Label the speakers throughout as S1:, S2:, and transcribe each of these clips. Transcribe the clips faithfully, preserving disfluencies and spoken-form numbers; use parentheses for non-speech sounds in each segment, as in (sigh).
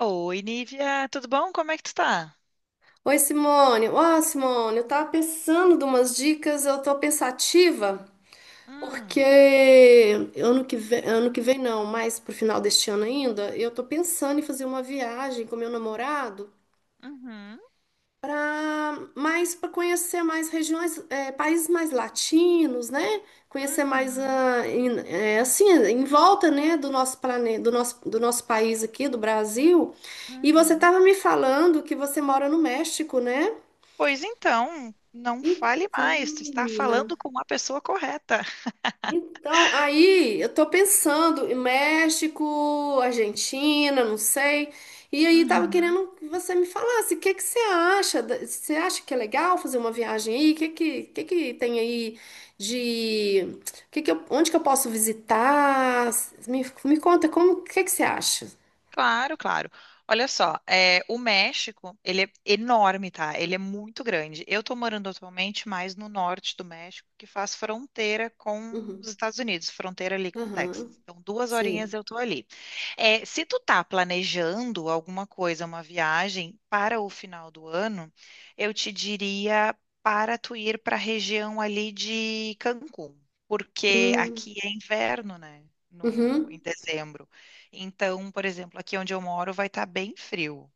S1: Oi, Nívia, tudo bom? Como é que tu tá?
S2: Oi, Simone. Ó, Simone, eu tava pensando de umas dicas, eu tô pensativa, porque
S1: Hum,
S2: ano que vem, ano que vem não, mas pro final deste ano ainda, eu tô pensando em fazer uma viagem com meu namorado
S1: uhum,
S2: para mais para conhecer mais regiões, é, países mais latinos, né? Conhecer mais
S1: uhum,
S2: ah, em- é, assim, em volta, né, do nosso planeta, do nosso, do nosso país aqui, do Brasil. E você
S1: uhum.
S2: tava me falando que você mora no México, né?
S1: Pois então, não fale
S2: Então,
S1: mais, tu está falando
S2: menina.
S1: com a pessoa correta. (laughs)
S2: Então, aí eu tô pensando em México, Argentina, não sei. E aí tava
S1: Uhum.
S2: querendo que você me falasse, o que que você acha? da- Você acha que é legal fazer uma viagem aí? O que que, que que tem aí de o que que eu- onde que eu posso visitar? Me, me conta como, o que que você acha?
S1: Claro, claro. Olha só, é, o México, ele é enorme, tá? Ele é muito grande. Eu tô morando atualmente mais no norte do México, que faz fronteira com os
S2: Uhum.
S1: Estados Unidos, fronteira ali com o Texas.
S2: Aham.
S1: Então, duas horinhas
S2: Sei.
S1: eu tô ali. É, se tu tá planejando alguma coisa, uma viagem para o final do ano, eu te diria para tu ir para a região ali de Cancún, porque
S2: Hum.
S1: aqui é inverno, né? No, em
S2: Uhum.
S1: dezembro. Então, por exemplo, aqui onde eu moro vai estar bem frio.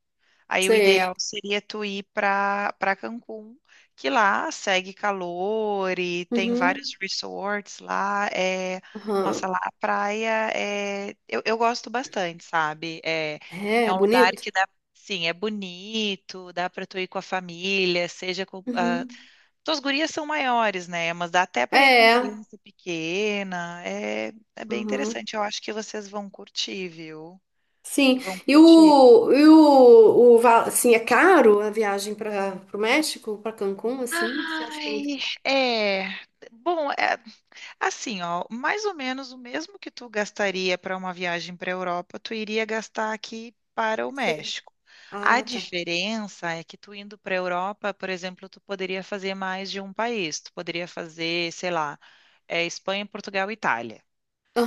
S1: Aí o
S2: Sei.
S1: ideal seria tu ir para para Cancún, que lá segue calor e tem
S2: Uhum.
S1: vários resorts lá. É, nossa,
S2: Aham.
S1: lá a praia é, eu, eu gosto bastante, sabe? É, é
S2: É,
S1: um lugar
S2: bonito?
S1: que dá, sim, é bonito, dá para tu ir com a família, seja com, ah,
S2: Uhum.
S1: tuas gurias são maiores, né? Mas dá até para ir com
S2: É.
S1: criança pequena. É, é bem
S2: Aham.
S1: interessante. Eu acho que vocês vão curtir, viu? Acho que
S2: Sim.
S1: vão
S2: E
S1: curtir.
S2: o, e o, o va- assim, é caro a viagem para o México, para Cancún, assim? Você acha que é muito.
S1: Ai, é. Bom, é, assim, ó, mais ou menos o mesmo que tu gastaria para uma viagem para a Europa, tu iria gastar aqui para o
S2: Sei.
S1: México. A
S2: Ah, tá.
S1: diferença é que tu indo para a Europa, por exemplo, tu poderia fazer mais de um país. Tu poderia fazer, sei lá, é, Espanha, Portugal e Itália.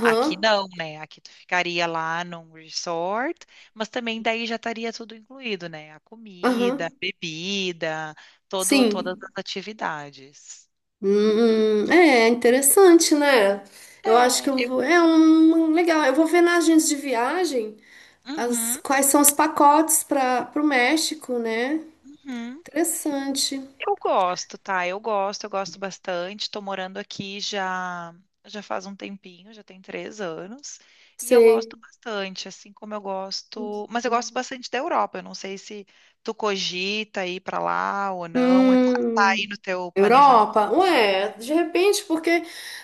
S1: Aqui não, né? Aqui tu ficaria lá num resort, mas também daí já estaria tudo incluído, né? A comida, a
S2: Aham.
S1: bebida, todo, todas
S2: Sim.
S1: as atividades.
S2: Hum, é interessante, né? Eu acho que
S1: É,
S2: eu vou.
S1: eu.
S2: É um um legal. Eu vou ver na agência de viagem as,
S1: Uhum,
S2: quais são os pacotes para o México, né?
S1: uhum.
S2: Interessante.
S1: Eu gosto, tá? Eu gosto, eu gosto bastante. Tô morando aqui já já faz um tempinho, já tem três anos. E eu
S2: Sei.
S1: gosto bastante, assim como eu gosto. Mas eu gosto bastante da Europa. Eu não sei se tu cogita ir pra lá ou não. É- Tá tá aí
S2: Hum,
S1: no teu planejamento.
S2: Europa? Ué, de repente, porque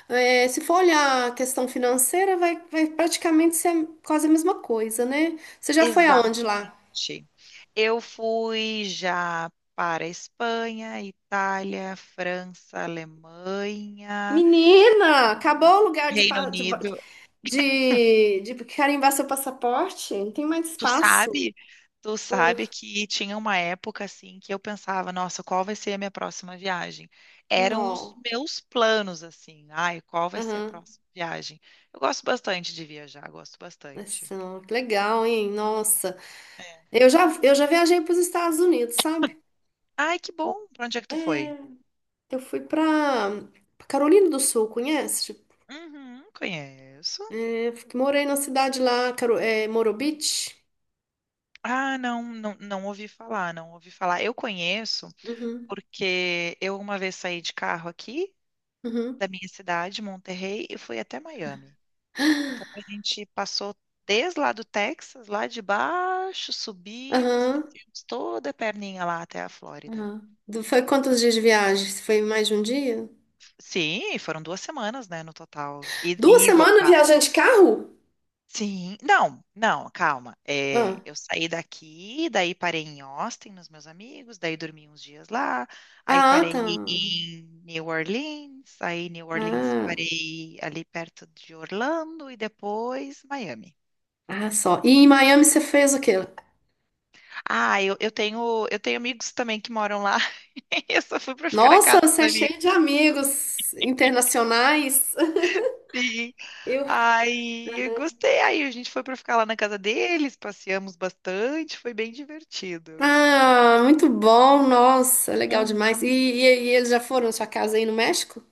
S2: é, se for olhar a questão financeira, vai, vai praticamente ser quase a mesma coisa, né? Você já foi aonde lá?
S1: Exatamente. Eu fui já para Espanha, Itália, França, Alemanha.
S2: Menina, acabou o lugar de,
S1: Reino
S2: pa- de, ba-
S1: Unido.
S2: de, de carimbar seu passaporte? Não tem mais
S1: Tu
S2: espaço.
S1: sabe, tu sabe que tinha uma época assim que eu pensava, nossa, qual vai ser a minha próxima viagem? Eram os
S2: Não.
S1: meus planos assim. Ai, qual vai ser a
S2: Aham.
S1: próxima viagem? Eu gosto bastante de viajar, gosto bastante.
S2: Nossa, nó, que legal, hein? Nossa.
S1: É.
S2: Eu já, eu já viajei para os Estados Unidos, sabe?
S1: Ai, que bom. Pra onde é que tu foi?
S2: É, eu fui para Carolina do Sul, conhece?
S1: Uhum, conheço.
S2: É, f- morei na cidade lá, Caro, é, Morobit.
S1: Ah, não, não, não ouvi falar, não ouvi falar. Eu conheço
S2: Uhum,
S1: porque eu uma vez saí de carro aqui
S2: uhum,
S1: da minha cidade, Monterrey, e fui até Miami. Então a gente passou desde lá do Texas, lá de baixo, subimos e
S2: aham,
S1: descemos toda a perninha lá até a Flórida.
S2: aham. Do- Foi quantos dias de viagem? Foi mais de um dia?
S1: Sim, foram duas semanas, né, no total. E,
S2: Duas
S1: e
S2: semanas
S1: voltar.
S2: viajando de carro?
S1: Sim, não, não, calma. É,
S2: Ah,
S1: eu saí daqui, daí parei em Austin, nos meus amigos, daí dormi uns dias lá, aí
S2: ah,
S1: parei
S2: tá.
S1: em New Orleans, aí em New Orleans
S2: Ah,
S1: parei ali perto de Orlando e depois Miami.
S2: ah, só. E em Miami você fez o quê?
S1: Ah, eu, eu tenho, eu tenho amigos também que moram lá. (laughs) Eu só fui pra ficar na
S2: Nossa,
S1: casa
S2: você é
S1: dos amigos.
S2: cheio de amigos internacionais.
S1: Sim.
S2: Eu...
S1: Aí, eu gostei. Aí a gente foi pra ficar lá na casa deles, passeamos bastante, foi bem divertido.
S2: Ah, muito bom, nossa, legal
S1: Aham.
S2: demais. E, e, e eles já foram na sua casa aí no México?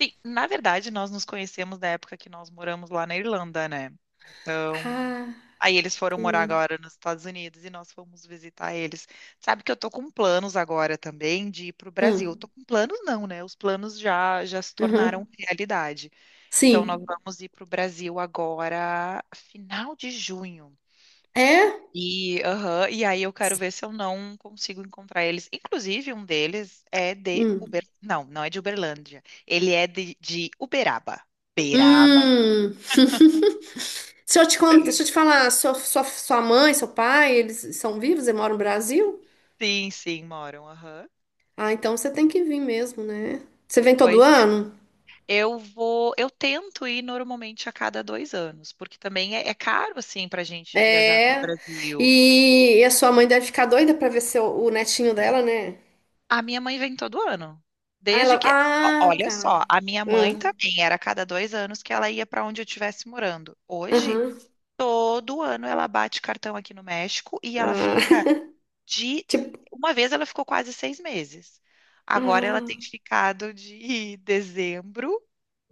S1: Sim, na verdade, nós nos conhecemos da época que nós moramos lá na Irlanda, né? Então,
S2: Ah,
S1: aí eles foram morar
S2: entendi.
S1: agora nos Estados Unidos e nós fomos visitar eles. Sabe que eu tô com planos agora também de ir pro
S2: Ah,
S1: Brasil. Tô com planos não, né? Os planos já já se
S2: aham.
S1: tornaram realidade. Então nós
S2: Sim.
S1: vamos ir pro Brasil agora, final de junho.
S2: É?
S1: E, aham, e aí eu quero ver se eu não consigo encontrar eles. Inclusive, um deles é de
S2: Hum.
S1: Uber... Não, não é de Uberlândia. Ele é de, de Uberaba. Beraba.
S2: Hum. (laughs) Se eu te contar,
S1: (laughs)
S2: se eu te falar, sua, sua, sua mãe, seu pai, eles são vivos, eles moram no Brasil?
S1: Sim, sim, moram. Aham.
S2: Ah, então você tem que vir mesmo, né? Você vem todo
S1: Pois é.
S2: ano?
S1: Eu vou, eu tento ir normalmente a cada dois anos, porque também é, é caro assim para a gente viajar para o
S2: É.
S1: Brasil.
S2: E, e a sua mãe deve ficar doida pra ver seu, o netinho dela, né?
S1: A minha mãe vem todo ano,
S2: Ah,
S1: desde
S2: ela,
S1: que, ó,
S2: ah,
S1: olha
S2: tá.
S1: só, a minha mãe
S2: Ah,
S1: também era a cada dois anos que ela ia para onde eu estivesse morando. Hoje,
S2: aham.
S1: todo ano ela bate cartão aqui no México e ela
S2: Ah,
S1: fica de
S2: (laughs) tipo,
S1: uma vez ela ficou quase seis meses. Agora ela tem
S2: ah,
S1: ficado de (laughs) dezembro,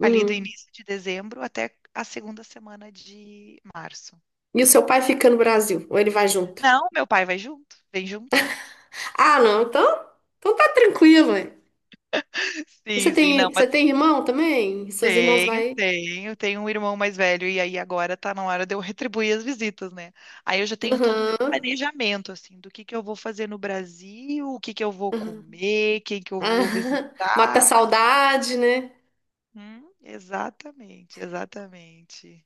S1: ali do início de dezembro até a segunda semana de março.
S2: E o seu pai fica no Brasil? Ou ele vai junto?
S1: Não, meu pai vai junto, vem junto.
S2: Ah, não, então, então tá tranquilo. E você
S1: Sim, sim, não,
S2: tem,
S1: mas
S2: você tem irmão também? Seus irmãos
S1: tenho,
S2: vai.
S1: tenho, tenho um irmão mais velho e aí agora tá na hora de eu retribuir as visitas, né? Aí eu já tenho todo o meu
S2: Aham.
S1: planejamento, assim, do que que eu vou fazer no Brasil, o que que eu vou comer, quem que eu vou
S2: Ah, (laughs) mata a
S1: visitar.
S2: saudade, né?
S1: Hum, exatamente, exatamente.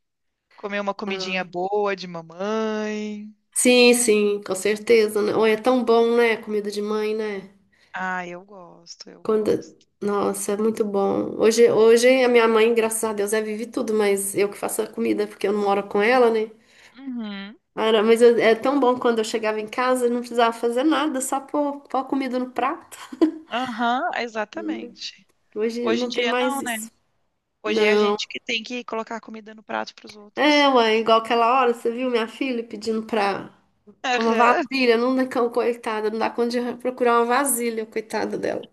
S1: Comer uma comidinha
S2: Ah,
S1: boa de mamãe.
S2: sim, sim, com certeza, né? Oi, é tão bom, né? Comida de mãe, né?
S1: Ah, eu gosto, eu
S2: Quando...
S1: gosto.
S2: Nossa, é muito bom. Hoje, hoje a minha mãe, graças a Deus, é vive tudo, mas eu que faço a comida, porque eu não moro com ela, né?
S1: Uhum.
S2: Cara, mas eu- é tão bom quando eu chegava em casa e não precisava fazer nada, só pôr, pôr a comida no prato.
S1: Aham, exatamente.
S2: Hoje
S1: Hoje em
S2: não tem
S1: dia não,
S2: mais
S1: né?
S2: isso.
S1: Hoje é a gente que tem que colocar comida no prato para os
S2: É,
S1: outros.
S2: mãe, igual aquela hora, você viu minha filha pedindo pra uma
S1: Aham,
S2: vasilha, não dá cão, coitada, não dá conta de procurar uma vasilha, coitada dela.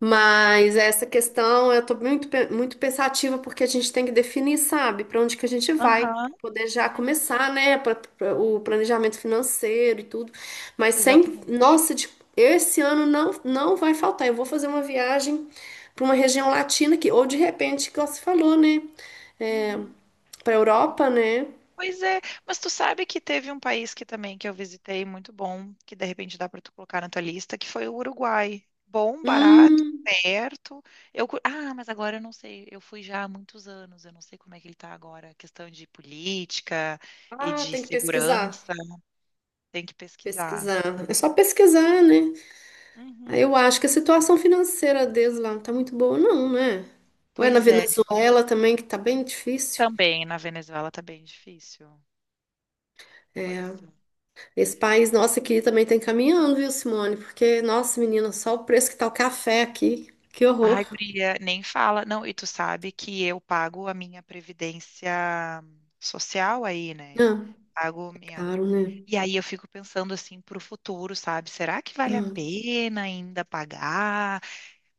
S2: Mas essa questão eu tô muito, pe- muito pensativa porque a gente tem que definir, sabe, pra onde que a gente vai,
S1: aham.
S2: pra poder já
S1: Hum,
S2: começar, né, pra, pra- o planejamento financeiro e tudo. Mas sem,
S1: exatamente.
S2: nossa, de- esse ano não, não vai faltar. Eu vou fazer uma viagem pra uma região latina que, ou de repente, igual você falou, né, é,
S1: Uhum.
S2: pra Europa, né?
S1: Pois é, mas tu sabe que teve um país que também que eu visitei muito bom, que de repente dá para tu colocar na tua lista, que foi o Uruguai. Bom, barato,
S2: Hum,
S1: perto. Eu, cu- ah, mas agora eu não sei, eu fui já há muitos anos, eu não sei como é que ele tá agora, questão de política e
S2: ah,
S1: de
S2: tem que pesquisar.
S1: segurança, tem que pesquisar.
S2: Pesquisar. É só pesquisar, né? Aí
S1: Uhum.
S2: eu acho que a situação financeira deles lá não tá muito boa, não, né? Ou é na
S1: Pois é,
S2: Venezuela também, que tá bem difícil.
S1: também na Venezuela tá bem difícil.
S2: É,
S1: Pois é.
S2: esse país nosso aqui também tá encaminhando, viu, Simone? Porque, nossa, menina, só o preço que tá o café aqui. Que horror.
S1: Ai, guria, nem fala. Não, e tu sabe que eu pago a minha previdência social aí, né?
S2: Ah,
S1: Pago minha.
S2: caro, né?
S1: E aí eu fico pensando assim pro futuro, sabe? Será que vale a
S2: Ah,
S1: pena ainda pagar?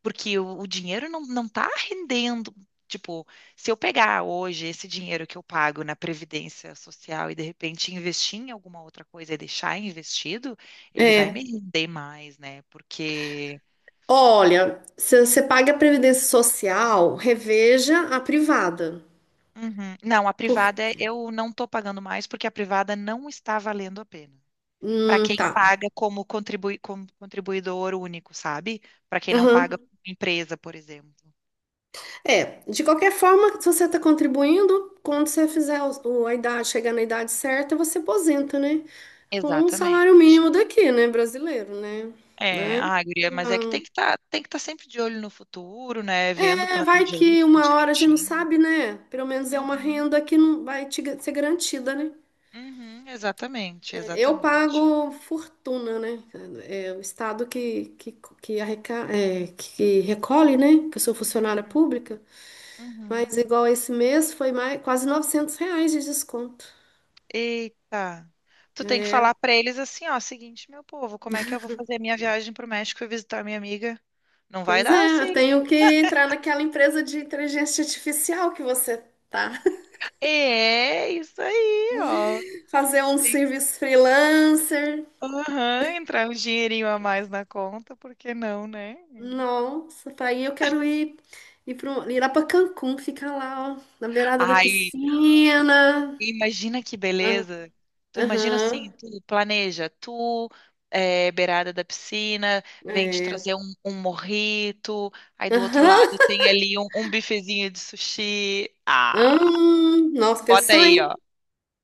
S1: Porque o, o dinheiro não, não tá rendendo. Tipo, se eu pegar hoje esse dinheiro que eu pago na previdência social e de repente investir em alguma outra coisa e deixar investido, ele vai me
S2: é.
S1: render mais, né? Porque
S2: Olha, se você paga a Previdência Social, reveja a privada.
S1: uhum. Não, a
S2: Por
S1: privada
S2: quê?
S1: eu não estou pagando mais porque a privada não está valendo a pena. Para
S2: Hum,
S1: quem
S2: tá.
S1: paga como, contribui, como contribuidor único, sabe? Para quem não paga
S2: Aham.
S1: como empresa, por exemplo.
S2: É, de qualquer forma, se você está contribuindo, quando você fizer o, o- a idade, chegar na idade certa, você aposenta, né? Com um
S1: Exatamente.
S2: salário mínimo daqui, né? Brasileiro, né?
S1: É,
S2: Né?
S1: ah, guria, mas é que
S2: Então,
S1: tem que estar tem que estar sempre de olho no futuro, né? Vendo,
S2: é, vai
S1: planejando
S2: que
S1: tudo
S2: uma hora a gente não
S1: direitinho.
S2: sabe, né? Pelo menos é uma
S1: Uhum,
S2: renda que não vai te ga- ser garantida, né?
S1: uhum, exatamente,
S2: Eu
S1: exatamente.
S2: pago fortuna, né? É o Estado que, que, que, arreca, é, que recolhe, né? Que eu sou funcionária
S1: Uhum,
S2: pública. Mas
S1: uhum.
S2: igual esse mês foi mais, quase novecentos reais de desconto.
S1: Eita. Tu tem que
S2: É,
S1: falar pra eles assim, ó, seguinte, meu povo, como é que eu vou fazer a minha viagem pro México e visitar minha amiga? Não vai
S2: pois
S1: dar
S2: é, eu
S1: assim.
S2: tenho que entrar naquela empresa de inteligência artificial que você tá. (laughs)
S1: É isso aí, ó.
S2: Fazer um
S1: Sim.
S2: serviço freelancer.
S1: Aham, entrar um dinheirinho a mais na conta, por que não, né?
S2: Nossa, pra aí eu quero ir, ir, pro, ir lá pra Cancún, ficar lá, ó, na beirada da
S1: Ai,
S2: piscina.
S1: imagina que
S2: Ah,
S1: beleza. Tu imagina assim,
S2: aham,
S1: tu planeja, tu é, beirada da piscina, vem te
S2: é.
S1: trazer um, um morrito, aí do outro
S2: Aham,
S1: lado tem ali um, um bifezinho de sushi. Ah.
S2: hum, nossa,
S1: Bota
S2: pensou,
S1: aí,
S2: hein?
S1: ó.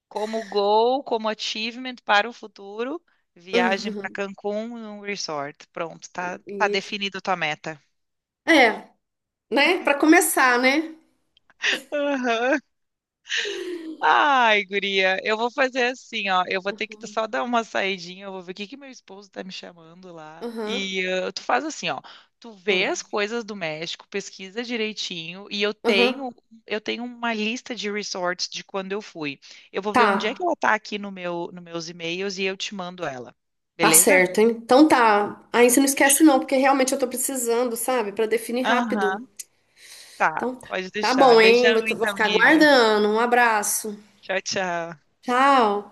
S1: Como goal, como achievement para o futuro, viagem para
S2: Aham,
S1: Cancún num resort. Pronto, tá, tá,
S2: isso.
S1: definido a tua meta.
S2: É, né? Pra começar, né?
S1: Aham. Ai, guria, eu vou fazer assim, ó. Eu vou ter que só dar uma saidinha, eu vou ver o que que meu esposo tá me chamando lá.
S2: Aham,
S1: E eh, tu faz assim, ó. Tu vê
S2: hum,
S1: as coisas do México, pesquisa direitinho, e eu
S2: aham,
S1: tenho eu tenho uma lista de resorts de quando eu fui. Eu vou ver onde é
S2: tá.
S1: que ela tá aqui no meu nos meus e-mails e eu te mando ela.
S2: Tá
S1: Beleza?
S2: certo, hein? Então tá. Aí você não esquece não, porque realmente eu tô precisando, sabe? Pra definir rápido.
S1: Aham, tá.
S2: Então tá.
S1: Pode
S2: Tá
S1: deixar.
S2: bom, hein?
S1: Beijão
S2: Vou, vou
S1: então,
S2: ficar
S1: Nívia.
S2: aguardando. Um abraço.
S1: Tchau, tchau.
S2: Tchau.